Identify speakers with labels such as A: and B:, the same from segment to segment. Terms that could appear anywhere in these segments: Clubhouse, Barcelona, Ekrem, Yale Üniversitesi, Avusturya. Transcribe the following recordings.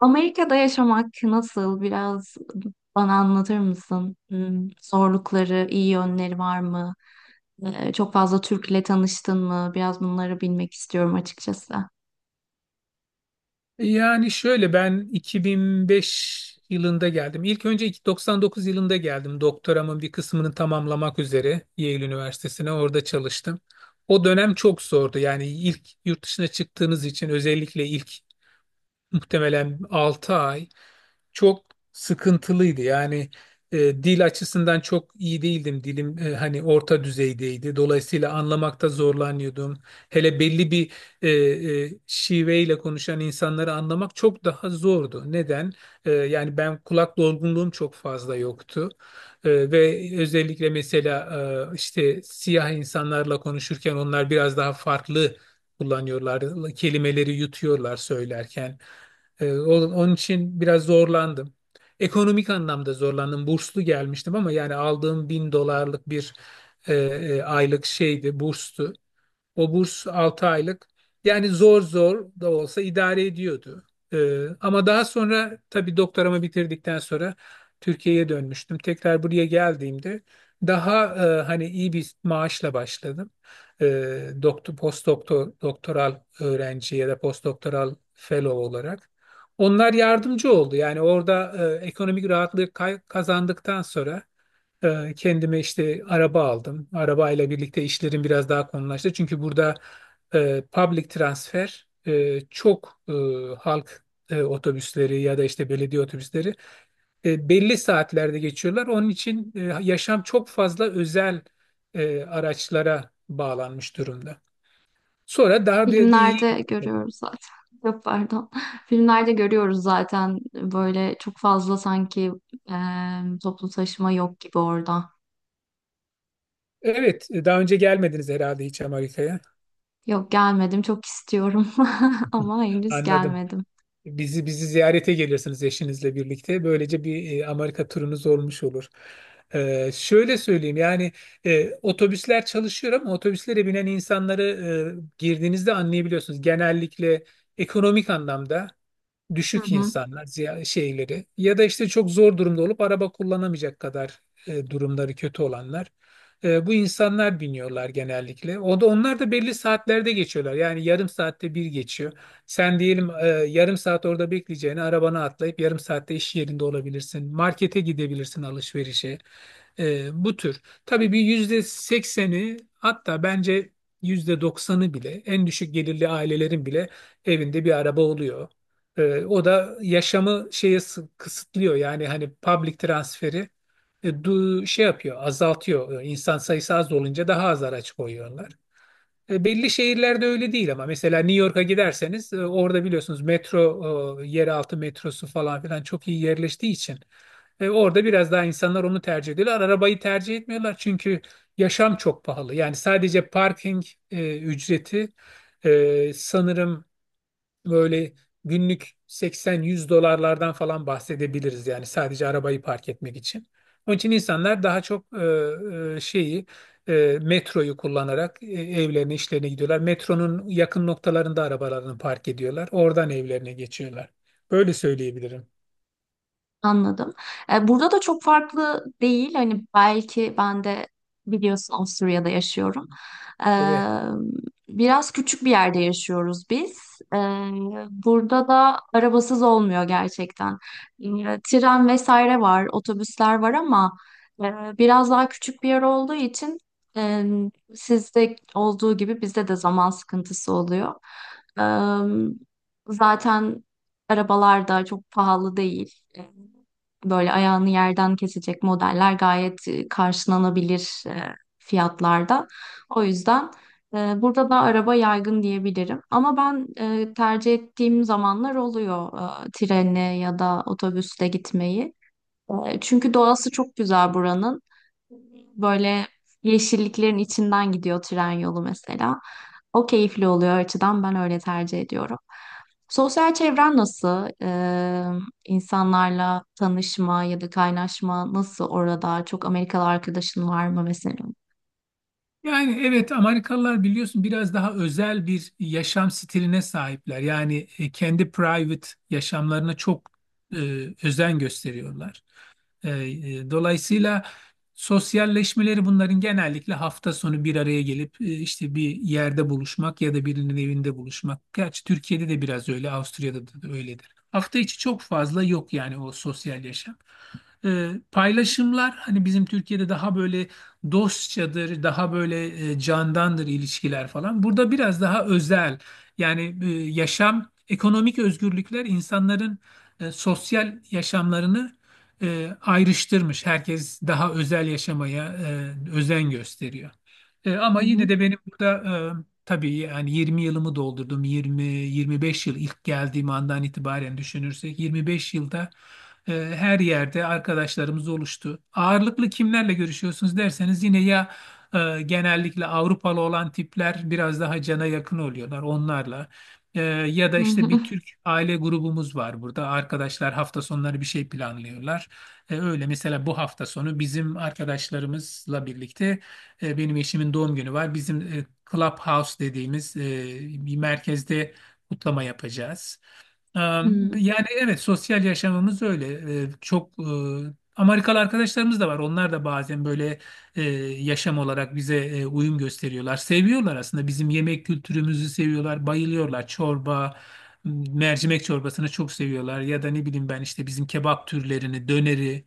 A: Amerika'da yaşamak nasıl? Biraz bana anlatır mısın? Zorlukları, iyi yönleri var mı? Çok fazla Türk'le tanıştın mı? Biraz bunları bilmek istiyorum açıkçası.
B: Yani şöyle ben 2005 yılında geldim. İlk önce 99 yılında geldim. Doktoramın bir kısmını tamamlamak üzere Yale Üniversitesi'ne orada çalıştım. O dönem çok zordu. Yani ilk yurt dışına çıktığınız için özellikle ilk muhtemelen 6 ay çok sıkıntılıydı. Yani dil açısından çok iyi değildim. Dilim hani orta düzeydeydi. Dolayısıyla anlamakta zorlanıyordum. Hele belli bir e, şiveyle konuşan insanları anlamak çok daha zordu. Neden? Yani ben kulak dolgunluğum çok fazla yoktu. Ve özellikle mesela işte siyah insanlarla konuşurken onlar biraz daha farklı kullanıyorlar. Kelimeleri yutuyorlar söylerken. Onun için biraz zorlandım. Ekonomik anlamda zorlandım. Burslu gelmiştim ama yani aldığım 1.000 dolarlık bir aylık şeydi, burstu. O burs 6 aylık. Yani zor zor da olsa idare ediyordu. Ama daha sonra tabii doktoramı bitirdikten sonra Türkiye'ye dönmüştüm. Tekrar buraya geldiğimde daha hani iyi bir maaşla başladım. Doktor, post doktor, doktoral öğrenci ya da post doktoral fellow olarak. Onlar yardımcı oldu. Yani orada ekonomik rahatlığı kazandıktan sonra kendime işte araba aldım. Arabayla birlikte işlerim biraz daha konulaştı. Çünkü burada public transfer çok halk otobüsleri ya da işte belediye otobüsleri belli saatlerde geçiyorlar. Onun için yaşam çok fazla özel araçlara bağlanmış durumda. Sonra daha da iyi
A: Filmlerde
B: gitti tabii.
A: görüyoruz zaten. Yok, pardon. Filmlerde görüyoruz zaten, böyle çok fazla sanki e, toplu taşıma yok gibi orada.
B: Evet, daha önce gelmediniz herhalde hiç Amerika'ya.
A: Yok, gelmedim, çok istiyorum ama henüz
B: Anladım.
A: gelmedim.
B: Bizi ziyarete gelirsiniz eşinizle birlikte. Böylece bir Amerika turunuz olmuş olur. Şöyle söyleyeyim yani otobüsler çalışıyor ama otobüslere binen insanları girdiğinizde anlayabiliyorsunuz. Genellikle ekonomik anlamda
A: Hı
B: düşük
A: hı.
B: insanlar şeyleri ya da işte çok zor durumda olup araba kullanamayacak kadar durumları kötü olanlar. Bu insanlar biniyorlar genellikle. O da onlar da belli saatlerde geçiyorlar. Yani yarım saatte bir geçiyor. Sen diyelim yarım saat orada bekleyeceğine arabana atlayıp yarım saatte iş yerinde olabilirsin. Markete gidebilirsin alışverişe. Bu tür. Tabii bir %80'i hatta bence %90'ı bile en düşük gelirli ailelerin bile evinde bir araba oluyor. O da yaşamı kısıtlıyor. Yani hani public transferi şey yapıyor, azaltıyor. İnsan sayısı az olunca daha az araç koyuyorlar. Belli şehirlerde öyle değil ama mesela New York'a giderseniz orada biliyorsunuz metro, yeraltı metrosu falan filan çok iyi yerleştiği için orada biraz daha insanlar onu tercih ediyorlar. Arabayı tercih etmiyorlar çünkü yaşam çok pahalı. Yani sadece parking ücreti sanırım böyle günlük 80-100 dolarlardan falan bahsedebiliriz yani sadece arabayı park etmek için. Onun için insanlar daha çok şeyi metroyu kullanarak evlerine işlerine gidiyorlar. Metronun yakın noktalarında arabalarını park ediyorlar. Oradan evlerine geçiyorlar. Böyle söyleyebilirim.
A: Anladım. Burada da çok farklı değil. Hani belki ben de biliyorsun Avusturya'da yaşıyorum. E,
B: Evet.
A: Biraz küçük bir yerde yaşıyoruz biz. E, Burada da arabasız olmuyor gerçekten. Tren vesaire var, otobüsler var ama e, biraz daha küçük bir yer olduğu için e, sizde olduğu gibi bizde de zaman sıkıntısı oluyor. E, Zaten arabalar da çok pahalı değil. Böyle ayağını yerden kesecek modeller gayet karşılanabilir fiyatlarda. O yüzden burada da araba yaygın diyebilirim. Ama ben tercih ettiğim zamanlar oluyor trenle ya da otobüsle gitmeyi. Çünkü doğası çok güzel buranın. Böyle yeşilliklerin içinden gidiyor tren yolu mesela. O keyifli oluyor, o açıdan ben öyle tercih ediyorum. Sosyal çevren nasıl? İnsanlarla tanışma ya da kaynaşma nasıl orada? Çok Amerikalı arkadaşın var mı mesela?
B: Yani evet Amerikalılar biliyorsun biraz daha özel bir yaşam stiline sahipler. Yani kendi private yaşamlarına çok e, özen gösteriyorlar. E, dolayısıyla sosyalleşmeleri bunların genellikle hafta sonu bir araya gelip işte bir yerde buluşmak ya da birinin evinde buluşmak. Gerçi Türkiye'de de biraz öyle, Avusturya'da da öyledir. Hafta içi çok fazla yok yani o sosyal yaşam. Paylaşımlar hani bizim Türkiye'de daha böyle dostçadır, daha böyle candandır ilişkiler falan. Burada biraz daha özel yani yaşam, ekonomik özgürlükler insanların sosyal yaşamlarını ayrıştırmış. Herkes daha özel yaşamaya özen gösteriyor. E,
A: Hı
B: ama yine
A: hı.
B: de benim burada tabii yani 20 yılımı doldurdum. 20-25 yıl ilk geldiğim andan itibaren düşünürsek 25 yılda her yerde arkadaşlarımız oluştu. Ağırlıklı kimlerle görüşüyorsunuz derseniz yine ya genellikle Avrupalı olan tipler biraz daha cana yakın oluyorlar onlarla. Ya da
A: Hı
B: işte
A: hı.
B: bir Türk aile grubumuz var burada. Arkadaşlar hafta sonları bir şey planlıyorlar. Öyle mesela bu hafta sonu bizim arkadaşlarımızla birlikte benim eşimin doğum günü var. Bizim Clubhouse dediğimiz bir merkezde kutlama yapacağız. Ee,
A: hmm.
B: Yani evet sosyal yaşamımız öyle. Çok Amerikalı arkadaşlarımız da var. Onlar da bazen böyle e, yaşam olarak bize uyum gösteriyorlar. Seviyorlar aslında bizim yemek kültürümüzü seviyorlar, bayılıyorlar. Çorba, mercimek çorbasını çok seviyorlar. Ya da ne bileyim ben işte bizim kebap türlerini, döneri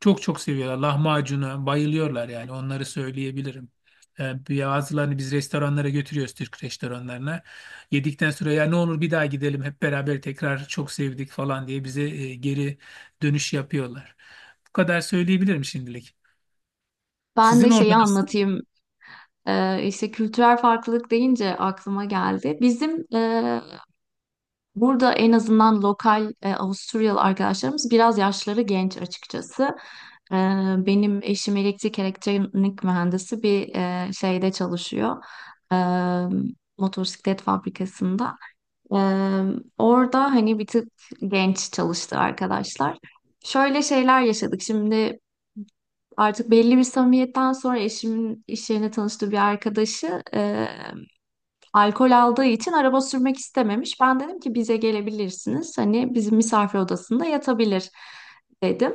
B: çok çok seviyorlar. Lahmacunu bayılıyorlar yani onları söyleyebilirim. Ee, Bazılarını biz restoranlara götürüyoruz Türk restoranlarına. Yedikten sonra ya ne olur bir daha gidelim hep beraber tekrar çok sevdik falan diye bize geri dönüş yapıyorlar. Bu kadar söyleyebilirim şimdilik.
A: Ben de
B: Sizin orada
A: şeyi
B: nasıl?
A: anlatayım. İşte kültürel farklılık deyince aklıma geldi. Bizim burada en azından lokal Avusturyalı arkadaşlarımız biraz yaşları genç açıkçası. E, Benim eşim elektrik elektronik mühendisi bir şeyde çalışıyor. E, Motosiklet fabrikasında. E, Orada hani bir tık genç çalıştı arkadaşlar. Şöyle şeyler yaşadık. Şimdi artık belli bir samimiyetten sonra eşimin iş yerine tanıştığı bir arkadaşı alkol aldığı için araba sürmek istememiş. Ben dedim ki bize gelebilirsiniz. Hani bizim misafir odasında yatabilir dedim.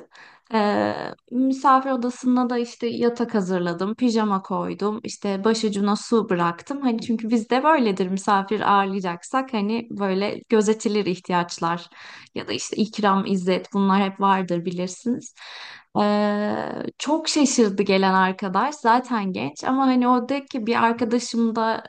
A: Ee, Misafir odasına da işte yatak hazırladım, pijama koydum, işte başucuna su bıraktım. Hani çünkü bizde böyledir, misafir ağırlayacaksak hani böyle gözetilir ihtiyaçlar ya da işte İkram, İzzet bunlar hep vardır, bilirsiniz. Ee, Çok şaşırdı gelen arkadaş. Zaten genç ama hani o dedi ki bir arkadaşım da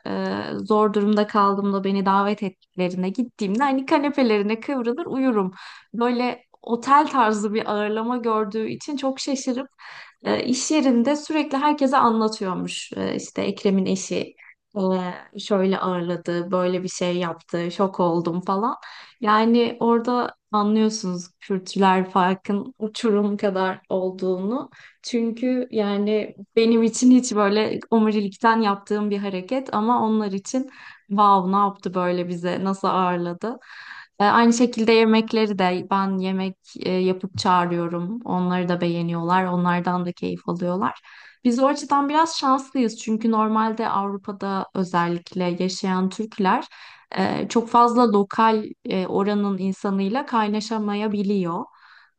A: zor durumda kaldığımda beni davet ettiklerine gittiğimde hani kanepelerine kıvrılır uyurum. Böyle otel tarzı bir ağırlama gördüğü için çok şaşırıp iş yerinde sürekli herkese anlatıyormuş. İşte Ekrem'in eşi e, şöyle ağırladı, böyle bir şey yaptı, şok oldum falan. Yani orada anlıyorsunuz kültürel farkın uçurum kadar olduğunu. Çünkü yani benim için hiç böyle omurilikten yaptığım bir hareket ama onlar için wow, ne yaptı, böyle bize nasıl ağırladı. Aynı şekilde yemekleri de ben yemek yapıp çağırıyorum. Onları da beğeniyorlar. Onlardan da keyif alıyorlar. Biz o açıdan biraz şanslıyız çünkü normalde Avrupa'da özellikle yaşayan Türkler çok fazla lokal oranın insanıyla kaynaşamayabiliyor.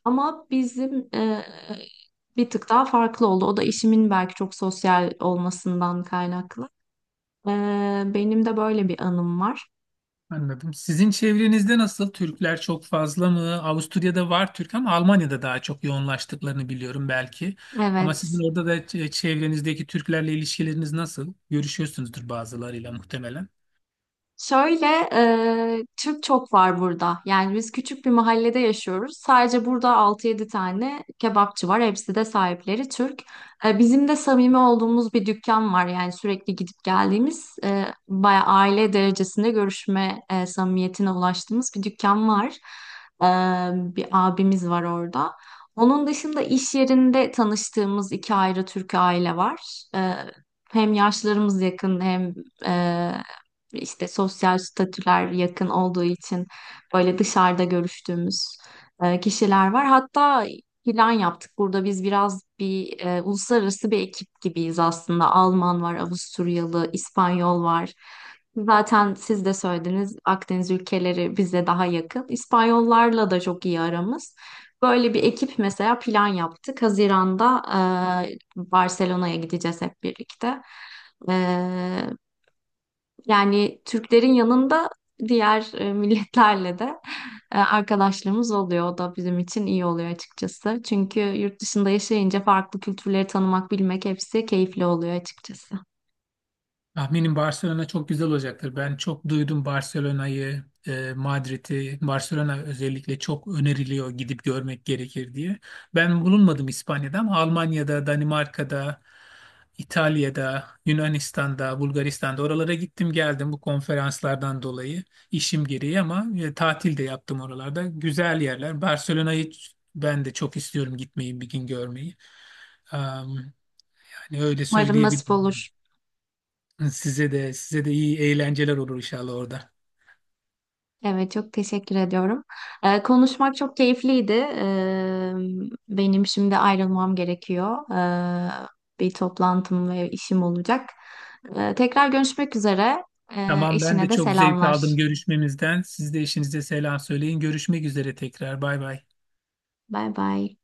A: Ama bizim bir tık daha farklı oldu. O da işimin belki çok sosyal olmasından kaynaklı. E, Benim de böyle bir anım var.
B: Anladım. Sizin çevrenizde nasıl? Türkler çok fazla mı? Avusturya'da var Türk ama Almanya'da daha çok yoğunlaştıklarını biliyorum belki. Ama
A: Evet.
B: sizin orada da çevrenizdeki Türklerle ilişkileriniz nasıl? Görüşüyorsunuzdur bazılarıyla muhtemelen.
A: Şöyle, Türk çok var burada. Yani biz küçük bir mahallede yaşıyoruz. Sadece burada altı yedi tane kebapçı var. Hepsi de sahipleri Türk. Bizim de samimi olduğumuz bir dükkan var. Yani sürekli gidip geldiğimiz, bayağı aile derecesinde görüşme samimiyetine ulaştığımız bir dükkan var. E, Bir abimiz var orada. Onun dışında iş yerinde tanıştığımız iki ayrı Türk aile var. E, Hem yaşlarımız yakın hem işte sosyal statüler yakın olduğu için böyle dışarıda görüştüğümüz kişiler var. Hatta plan yaptık. Burada biz biraz bir uluslararası bir ekip gibiyiz aslında. Alman var, Avusturyalı, İspanyol var. Zaten siz de söylediniz, Akdeniz ülkeleri bize daha yakın. İspanyollarla da çok iyi aramız. Böyle bir ekip mesela, plan yaptık. Haziran'da Barcelona'ya gideceğiz hep birlikte. E, Yani Türklerin yanında diğer milletlerle de arkadaşlığımız oluyor. O da bizim için iyi oluyor açıkçası. Çünkü yurt dışında yaşayınca farklı kültürleri tanımak, bilmek, hepsi keyifli oluyor açıkçası.
B: Tahminim Barcelona çok güzel olacaktır. Ben çok duydum Barcelona'yı, Madrid'i. Barcelona özellikle çok öneriliyor gidip görmek gerekir diye. Ben bulunmadım İspanya'da ama Almanya'da, Danimarka'da, İtalya'da, Yunanistan'da, Bulgaristan'da oralara gittim geldim bu konferanslardan dolayı işim gereği ama tatil de yaptım oralarda. Güzel yerler. Barcelona'yı ben de çok istiyorum gitmeyi bir gün görmeyi. Am, yani öyle
A: Umarım
B: söyleyebilirim.
A: nasip olur.
B: Size de iyi eğlenceler olur inşallah orada.
A: Evet, çok teşekkür ediyorum. Konuşmak çok keyifliydi. Benim şimdi ayrılmam gerekiyor. E, Bir toplantım ve işim olacak. Tekrar görüşmek üzere.
B: Tamam ben
A: Eşine
B: de
A: de
B: çok zevk aldım
A: selamlar.
B: görüşmemizden. Siz de eşinize selam söyleyin. Görüşmek üzere tekrar. Bay bay.
A: Bay bay.